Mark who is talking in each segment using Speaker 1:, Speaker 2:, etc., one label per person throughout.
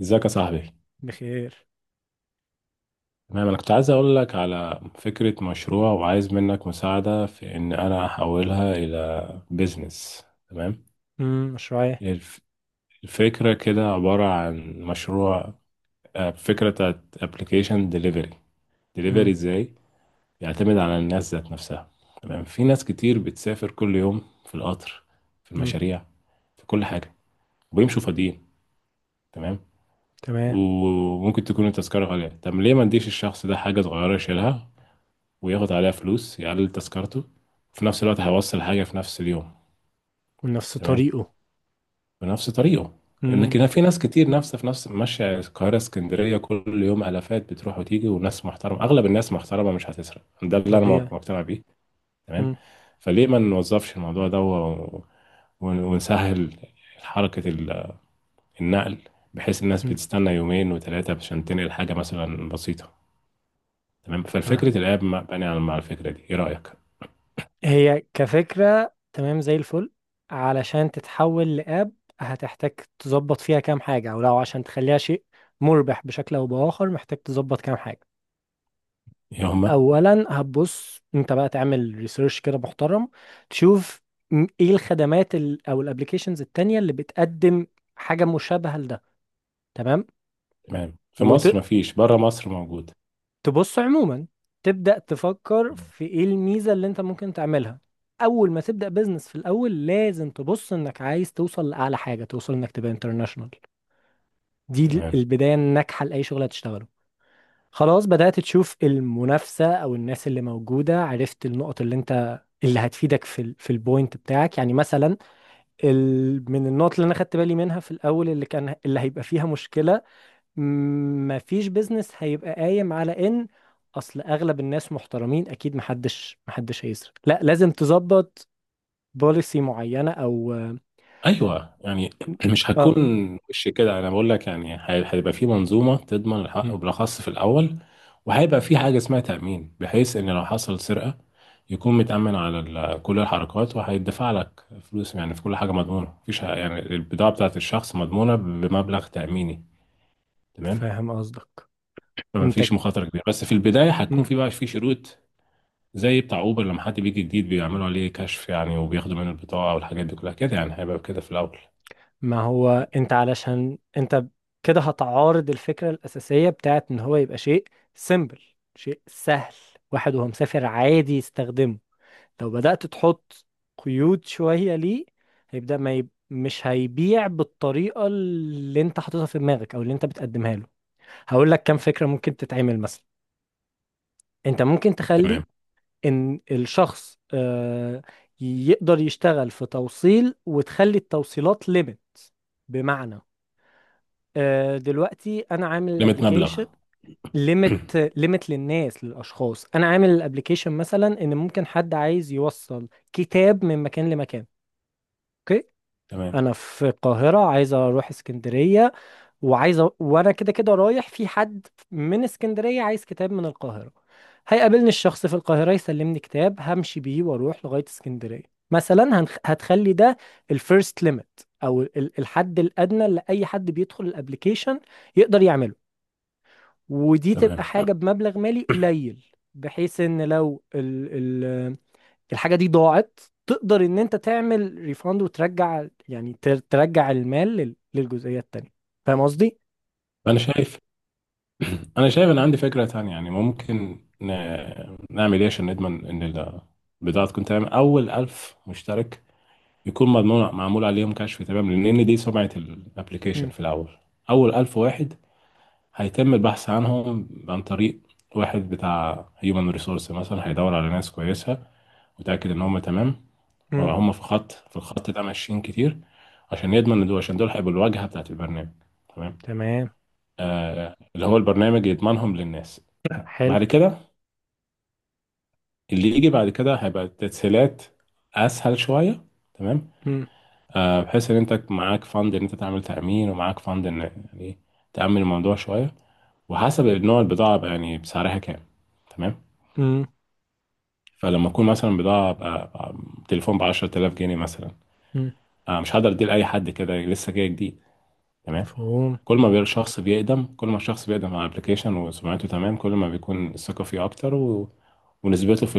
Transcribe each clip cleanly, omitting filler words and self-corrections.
Speaker 1: ازيك يا صاحبي؟
Speaker 2: بخير.
Speaker 1: تمام، انا كنت عايز اقول لك على فكرة مشروع، وعايز منك مساعدة في ان انا احولها الى بيزنس. تمام.
Speaker 2: مشروعي.
Speaker 1: الف- الفكرة كده عبارة عن مشروع. فكرة بتاعت ابلكيشن ديليفري. ديليفري
Speaker 2: امم.
Speaker 1: ازاي؟ يعتمد على الناس ذات نفسها. تمام، في ناس كتير بتسافر كل يوم في القطر، في
Speaker 2: امم،
Speaker 1: المشاريع، في كل حاجة، وبيمشوا فاضيين. تمام.
Speaker 2: تمام.
Speaker 1: وممكن تكون التذكرة غالية، طب ليه ما نديش الشخص ده حاجة صغيرة يشيلها وياخد عليها فلوس يقلل تذكرته؟ في نفس الوقت هيوصل حاجة في نفس اليوم،
Speaker 2: ونفس
Speaker 1: تمام،
Speaker 2: طريقه.
Speaker 1: بنفس طريقه.
Speaker 2: امم.
Speaker 1: لكن في ناس كتير نفسها في نفس، ماشية القاهرة اسكندرية كل يوم، آلافات بتروح وتيجي، وناس محترمة، أغلب الناس محترمة مش هتسرق، ده اللي أنا
Speaker 2: طبيعي.
Speaker 1: مقتنع بيه. تمام.
Speaker 2: امم.
Speaker 1: فليه ما نوظفش الموضوع ده ونسهل حركة النقل، بحيث الناس
Speaker 2: امم
Speaker 1: بتستنى يومين وثلاثة عشان تنقل حاجة مثلا بسيطة. تمام،
Speaker 2: آه.
Speaker 1: فالفكرة الآب بني على، مع الفكرة دي، إيه رأيك؟
Speaker 2: هي كفكرة تمام، زي الفل. علشان تتحول لأب هتحتاج تظبط فيها كام حاجة، أو لو عشان تخليها شيء مربح بشكل أو بآخر محتاج تظبط كام حاجة.
Speaker 1: يا هما
Speaker 2: أولا هتبص أنت بقى تعمل ريسيرش كده محترم، تشوف إيه الخدمات أو الأبليكيشنز التانية اللي بتقدم حاجة مشابهة لده. تمام.
Speaker 1: تمام، في
Speaker 2: وت...
Speaker 1: مصر مفيش، بره مصر موجود.
Speaker 2: تبص عموما، تبدأ تفكر
Speaker 1: مم.
Speaker 2: في ايه الميزة اللي انت ممكن تعملها. اول ما تبدأ بزنس في الاول لازم تبص انك عايز توصل لاعلى حاجة، توصل انك تبقى انترناشونال. دي
Speaker 1: تمام.
Speaker 2: البداية الناجحة لأي شغل هتشتغله. خلاص، بدأت تشوف المنافسة او الناس اللي موجودة، عرفت النقط اللي انت اللي هتفيدك في ال في البوينت بتاعك، يعني مثلا ال من النقط اللي انا خدت بالي منها في الاول اللي كان اللي هيبقى فيها مشكلة، مفيش بيزنس هيبقى قايم على ان اصل اغلب الناس محترمين، اكيد محدش هيسرق، لا لازم تظبط بوليسي معينة او
Speaker 1: ايوه يعني، مش هتكون
Speaker 2: اه.
Speaker 1: وش كده، انا بقول لك يعني هيبقى في منظومه تضمن
Speaker 2: م.
Speaker 1: الحق بالاخص في الاول، وهيبقى في حاجه اسمها تامين، بحيث ان لو حصل سرقه يكون متامن على كل الحركات وهيدفع لك فلوس، يعني في كل حاجه مضمونه، مفيش يعني البضاعه بتاعت الشخص مضمونه بمبلغ تاميني. تمام،
Speaker 2: فاهم قصدك.
Speaker 1: فما
Speaker 2: انت
Speaker 1: فيش مخاطره كبيره، بس في البدايه
Speaker 2: م.
Speaker 1: هتكون في بقى في شروط، زي بتاع اوبر لما حد بيجي جديد بيعملوا عليه كشف يعني، وبياخدوا منه البطاقه والحاجات دي كلها كده، يعني هيبقى كده في الاول.
Speaker 2: ما هو انت، علشان انت كده هتعارض الفكرة الأساسية بتاعت ان هو يبقى شيء سيمبل، شيء سهل، واحد وهو مسافر عادي يستخدمه. لو بدأت تحط قيود شوية ليه، هيبدأ ما يب... مش هيبيع بالطريقة اللي انت حاططها في دماغك او اللي انت بتقدمها له. هقول لك كام فكرة ممكن تتعمل مثلا. انت ممكن تخلي
Speaker 1: تمام.
Speaker 2: ان الشخص يقدر يشتغل في توصيل وتخلي التوصيلات ليميت. بمعنى دلوقتي انا عامل
Speaker 1: ليميت
Speaker 2: الابليكيشن
Speaker 1: مبلغ.
Speaker 2: ليميت ليميت للناس للاشخاص، انا عامل الابليكيشن مثلا ان ممكن حد عايز يوصل كتاب من مكان لمكان. اوكي،
Speaker 1: تمام.
Speaker 2: انا في القاهره عايز اروح اسكندريه، وانا كده كده رايح، في حد من اسكندريه عايز كتاب من القاهره، هيقابلني الشخص في القاهره يسلمني كتاب همشي بيه واروح لغايه اسكندريه. مثلا هتخلي ده الفيرست ليميت او الحد الادنى اللي اي حد بيدخل الابليكيشن يقدر يعمله. ودي تبقى
Speaker 1: تمام،
Speaker 2: حاجه بمبلغ مالي قليل، بحيث ان لو ال... الحاجة دي ضاعت، تقدر ان انت تعمل ريفاند وترجع، يعني ترجع المال للجزئية التانية. فاهم قصدي؟
Speaker 1: انا شايف. انا شايف ان عندي فكره تانية، يعني ممكن ن... نعمل ايه عشان نضمن ان البضاعه تكون تمام؟ اول 1000 مشترك يكون مضمون، معمول عليهم كشف، تمام، لان دي سمعه الابلكيشن
Speaker 2: مم.
Speaker 1: في الاول. اول 1000 واحد هيتم البحث عنهم عن طريق واحد بتاع هيومن ريسورس مثلا، هيدور على ناس كويسه وتأكد إن هم تمام.
Speaker 2: مم.
Speaker 1: هم في خط، في الخط ده ماشيين كتير، عشان يضمن إن دول، عشان دول هيبقوا الواجهة بتاعت البرنامج. تمام.
Speaker 2: تمام،
Speaker 1: آه اللي هو البرنامج يضمنهم للناس.
Speaker 2: حلو.
Speaker 1: بعد كده، اللي يجي بعد كده هيبقى التسهيلات أسهل شوية. تمام.
Speaker 2: مم.
Speaker 1: آه، بحيث إن أنت معاك فند إن أنت تعمل تأمين، ومعاك فند إن يعني تأمن الموضوع شوية، وحسب نوع البضاعة بقى يعني، بسعرها كام. تمام.
Speaker 2: مم.
Speaker 1: فلما أكون مثلا بضاعة تليفون ب 10000 جنيه مثلا،
Speaker 2: مم.
Speaker 1: آه مش هقدر أديه لأي حد كده لسه جاي جديد. تمام.
Speaker 2: مفهوم.
Speaker 1: كل ما بيبقى الشخص بيقدم، كل ما الشخص بيقدم على ابلكيشن وسمعته تمام، كل ما بيكون الثقة فيه أكتر ونسبته في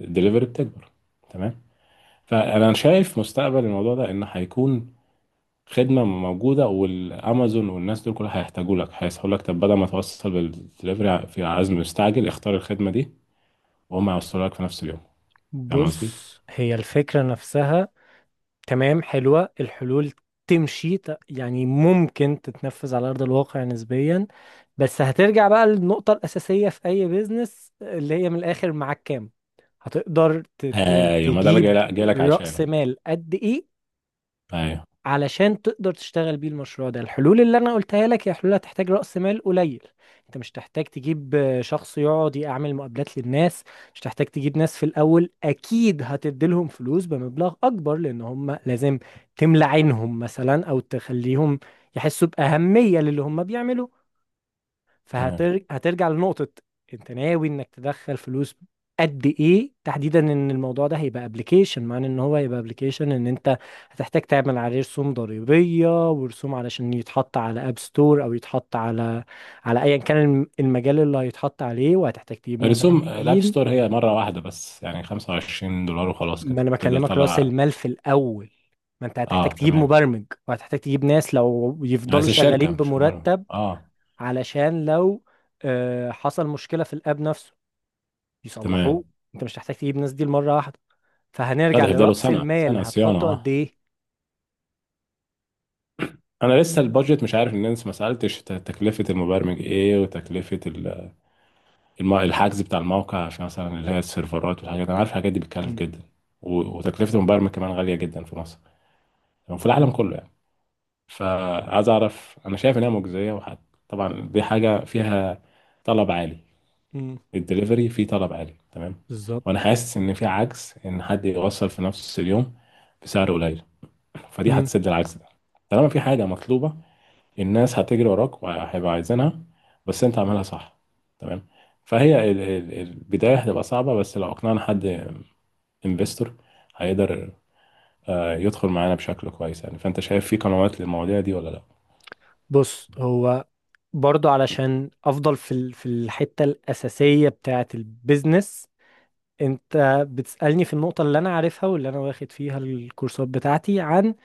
Speaker 1: الدليفري بتكبر. تمام. فأنا شايف مستقبل الموضوع ده إن هيكون خدمة موجودة، والأمازون والناس دول كلها هيحتاجوا لك، هيقول لك طب بدل ما توصل بالدليفري في عزم مستعجل اختار الخدمة دي وهم هيوصلوا لك في نفس اليوم. فاهم قصدي؟
Speaker 2: بص، هي الفكرة نفسها تمام، حلوة الحلول. تمشي يعني ممكن تتنفذ على أرض الواقع نسبيا، بس هترجع بقى للنقطة الأساسية في أي بيزنس، اللي هي من الآخر معاك كام، هتقدر
Speaker 1: أيوة، ما ده بقى جاي
Speaker 2: تجيب
Speaker 1: لك، جاي لك
Speaker 2: رأس
Speaker 1: عشانه.
Speaker 2: مال قد إيه
Speaker 1: أيوة
Speaker 2: علشان تقدر تشتغل بيه المشروع ده. الحلول اللي انا قلتها لك هي حلول هتحتاج رأس مال قليل، انت مش تحتاج تجيب شخص يقعد يعمل مقابلات للناس، مش تحتاج تجيب ناس في الاول اكيد هتديلهم فلوس بمبلغ اكبر لان هم لازم تملى عينهم مثلا، او تخليهم يحسوا بأهمية للي هم بيعملوه.
Speaker 1: تمام.
Speaker 2: هترجع لنقطة، انت ناوي انك تدخل فلوس قد ايه تحديدا، ان الموضوع ده هيبقى ابلكيشن، معنى ان هو هيبقى ابلكيشن ان انت هتحتاج تعمل عليه رسوم ضريبية ورسوم علشان يتحط على اب ستور او يتحط على على ايا كان المجال اللي هيتحط عليه، وهتحتاج تجيب
Speaker 1: رسوم الاب ستور
Speaker 2: مبرمجين.
Speaker 1: هي مره واحده بس يعني، 25 دولار وخلاص
Speaker 2: ما
Speaker 1: كده
Speaker 2: انا
Speaker 1: تبدا
Speaker 2: بكلمك راس
Speaker 1: تطلع.
Speaker 2: المال في الاول، ما انت هتحتاج
Speaker 1: اه
Speaker 2: تجيب
Speaker 1: تمام،
Speaker 2: مبرمج وهتحتاج تجيب ناس لو يفضلوا
Speaker 1: بس
Speaker 2: شغالين
Speaker 1: الشركه مش مره.
Speaker 2: بمرتب،
Speaker 1: اه
Speaker 2: علشان لو حصل مشكلة في الاب نفسه
Speaker 1: تمام.
Speaker 2: يصلحوه. انت مش هتحتاج تجيب الناس دي مرة واحدة.
Speaker 1: لا،
Speaker 2: فهنرجع
Speaker 1: ده هيفضلوا
Speaker 2: لرأس
Speaker 1: سنه
Speaker 2: المال،
Speaker 1: سنه صيانه.
Speaker 2: هتحطه قد
Speaker 1: اه،
Speaker 2: ايه؟
Speaker 1: انا لسه البادجت مش عارف، ان انت ما سالتش تكلفه المبرمج ايه، وتكلفه الحجز بتاع الموقع، عشان مثلا اللي هي السيرفرات والحاجات، انا عارف الحاجات دي بتكلف
Speaker 2: مم.
Speaker 1: جدا. وتكلفه المبرمج كمان غاليه جدا في مصر وفي
Speaker 2: مم.
Speaker 1: العالم كله يعني. فعايز اعرف، انا شايف انها مجزيه وحد، طبعا دي حاجه فيها طلب عالي،
Speaker 2: مم.
Speaker 1: الدليفري فيه طلب عالي. تمام. وانا
Speaker 2: بالظبط.
Speaker 1: حاسس ان في عجز ان حد يوصل في نفس اليوم بسعر قليل، فدي
Speaker 2: مم.
Speaker 1: هتسد العجز ده. طالما في حاجه مطلوبه الناس هتجري وراك وهيبقى عايزينها، بس انت عاملها صح. تمام. فهي البدايه هتبقى صعبه، بس لو اقنعنا حد انفستور هيقدر يدخل معانا بشكل كويس يعني. فانت شايف في قنوات للمواضيع دي ولا لا؟
Speaker 2: بص هو برضو علشان افضل في الحتة الأساسية بتاعة البيزنس، انت بتسألني في النقطة اللي انا عارفها واللي انا واخد فيها الكورسات بتاعتي عن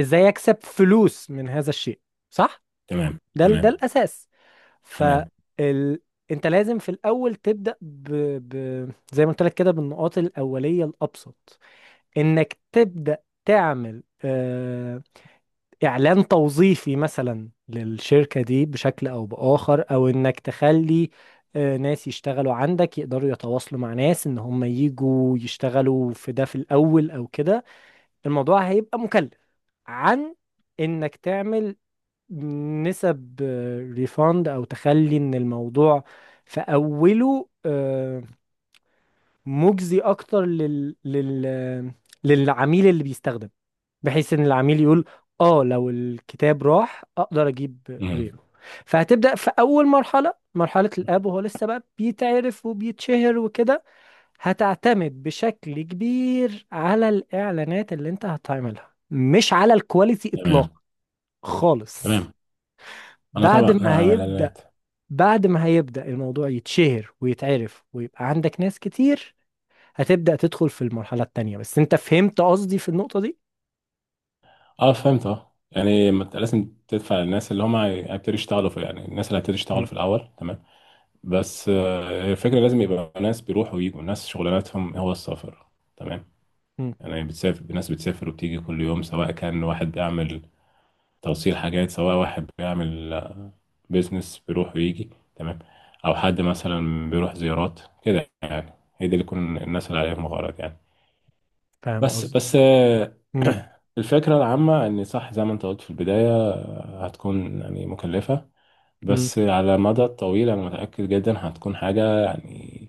Speaker 2: ازاي اكسب فلوس من هذا الشيء، صح؟
Speaker 1: تمام
Speaker 2: ده
Speaker 1: تمام.
Speaker 2: الأساس.
Speaker 1: تمام.
Speaker 2: فال... انت لازم في الاول ب... زي ما قلت لك كده بالنقاط الاوليه الابسط، انك تبدا تعمل اعلان توظيفي مثلا للشركه دي بشكل او باخر، او انك تخلي ناس يشتغلوا عندك يقدروا يتواصلوا مع ناس ان هم يجوا يشتغلوا في ده في الاول، او كده الموضوع هيبقى مكلف عن انك تعمل نسب ريفاند، او تخلي ان الموضوع في اوله مجزي اكتر لل للعميل اللي بيستخدم، بحيث ان العميل يقول اه لو الكتاب راح اقدر اجيب
Speaker 1: مم.
Speaker 2: غيره. فهتبدأ في اول مرحلة، مرحلة الاب وهو لسه بقى بيتعرف وبيتشهر وكده، هتعتمد بشكل كبير على الاعلانات اللي انت هتعملها، مش على الكواليتي اطلاقا
Speaker 1: تمام.
Speaker 2: خالص.
Speaker 1: تمام، انا
Speaker 2: بعد
Speaker 1: طبعا انا
Speaker 2: ما
Speaker 1: اعمل
Speaker 2: هيبدأ
Speaker 1: اعلانات.
Speaker 2: بعد ما هيبدأ الموضوع يتشهر ويتعرف ويبقى عندك ناس كتير، هتبدأ تدخل في المرحلة التانية. بس انت فهمت قصدي في النقطة دي؟
Speaker 1: اه فهمت، اه يعني ما انت لازم تدفع للناس اللي هم هيبتدوا يشتغلوا في يعني، الناس اللي هيبتدوا يشتغلوا
Speaker 2: مم.
Speaker 1: في الاول. تمام. بس الفكره لازم يبقى ناس بيروحوا ويجوا، ناس شغلانتهم هو السفر. تمام.
Speaker 2: مم.
Speaker 1: يعني بتسافر، ناس بتسافر وبتيجي كل يوم، سواء كان واحد بيعمل توصيل حاجات، سواء واحد بيعمل بيزنس بيروح ويجي، تمام، او حد مثلا بيروح زيارات كده يعني، هي دي اللي تكون الناس اللي عليهم غرض يعني.
Speaker 2: فاهم
Speaker 1: بس
Speaker 2: قصدك. مم.
Speaker 1: الفكرة العامة إن صح زي ما أنت قلت في البداية، هتكون يعني مكلفة،
Speaker 2: مم.
Speaker 1: بس على المدى الطويل أنا متأكد جدا هتكون حاجة يعني،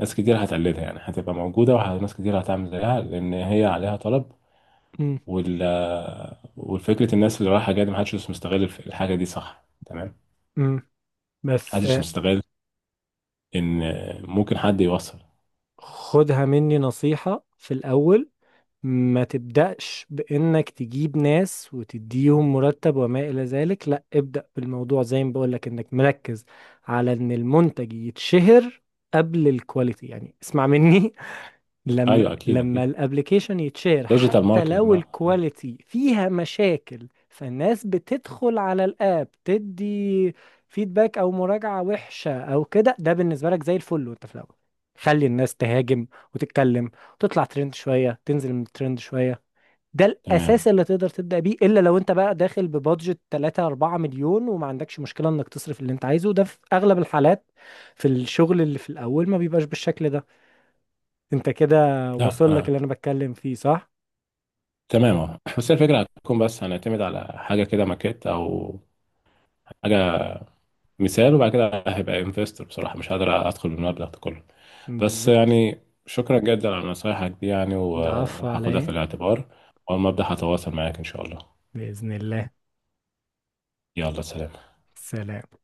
Speaker 1: ناس كتير هتقلدها يعني، هتبقى موجودة، وناس كتير هتعمل زيها لأن هي عليها طلب.
Speaker 2: مم.
Speaker 1: وال والفكرة الناس اللي رايحة جاية دي محدش مش مستغل الحاجة دي، صح؟ تمام.
Speaker 2: مم. بس
Speaker 1: محدش مستغل إن ممكن حد يوصل.
Speaker 2: خدها مني نصيحة في الأول، ما تبدأش بإنك تجيب ناس وتديهم مرتب وما إلى ذلك، لا ابدأ بالموضوع زي ما بقولك، إنك مركز على إن المنتج يتشهر قبل الكواليتي، يعني اسمع مني،
Speaker 1: أيوه أكيد
Speaker 2: لما
Speaker 1: أكيد،
Speaker 2: الابليكيشن يتشير
Speaker 1: ديجيتال
Speaker 2: حتى
Speaker 1: ماركتنج
Speaker 2: لو
Speaker 1: بقى.
Speaker 2: الكواليتي فيها مشاكل فالناس بتدخل على الاب تدي فيدباك او مراجعة وحشة او كده، ده بالنسبة لك زي الفل، وانت في الاول خلي الناس تهاجم وتتكلم وتطلع ترند شوية، تنزل من الترند شوية. ده
Speaker 1: تمام.
Speaker 2: الاساس اللي تقدر تبدأ بيه، الا لو انت بقى داخل ببادجت 3 4 مليون وما عندكش مشكلة انك تصرف اللي انت عايزه، وده في اغلب الحالات في الشغل اللي في الاول ما بيبقاش بالشكل ده. انت كده
Speaker 1: لا
Speaker 2: واصل لك
Speaker 1: انا
Speaker 2: اللي انا بتكلم فيه، صح؟
Speaker 1: تمام، اه بس هي الفكرة هتكون، بس هنعتمد على حاجة كده ماكيت أو حاجة مثال، وبعد كده هبقى انفستور، بصراحة مش قادر أدخل بالمبلغ ده كله. بس
Speaker 2: بالظبط.
Speaker 1: يعني شكرا جدا على نصايحك دي يعني
Speaker 2: العفو على
Speaker 1: وهاخدها في
Speaker 2: ايه.
Speaker 1: الاعتبار، وأول ما أبدأ هتواصل معاك إن شاء الله.
Speaker 2: باذن الله.
Speaker 1: يلا سلام.
Speaker 2: سلام.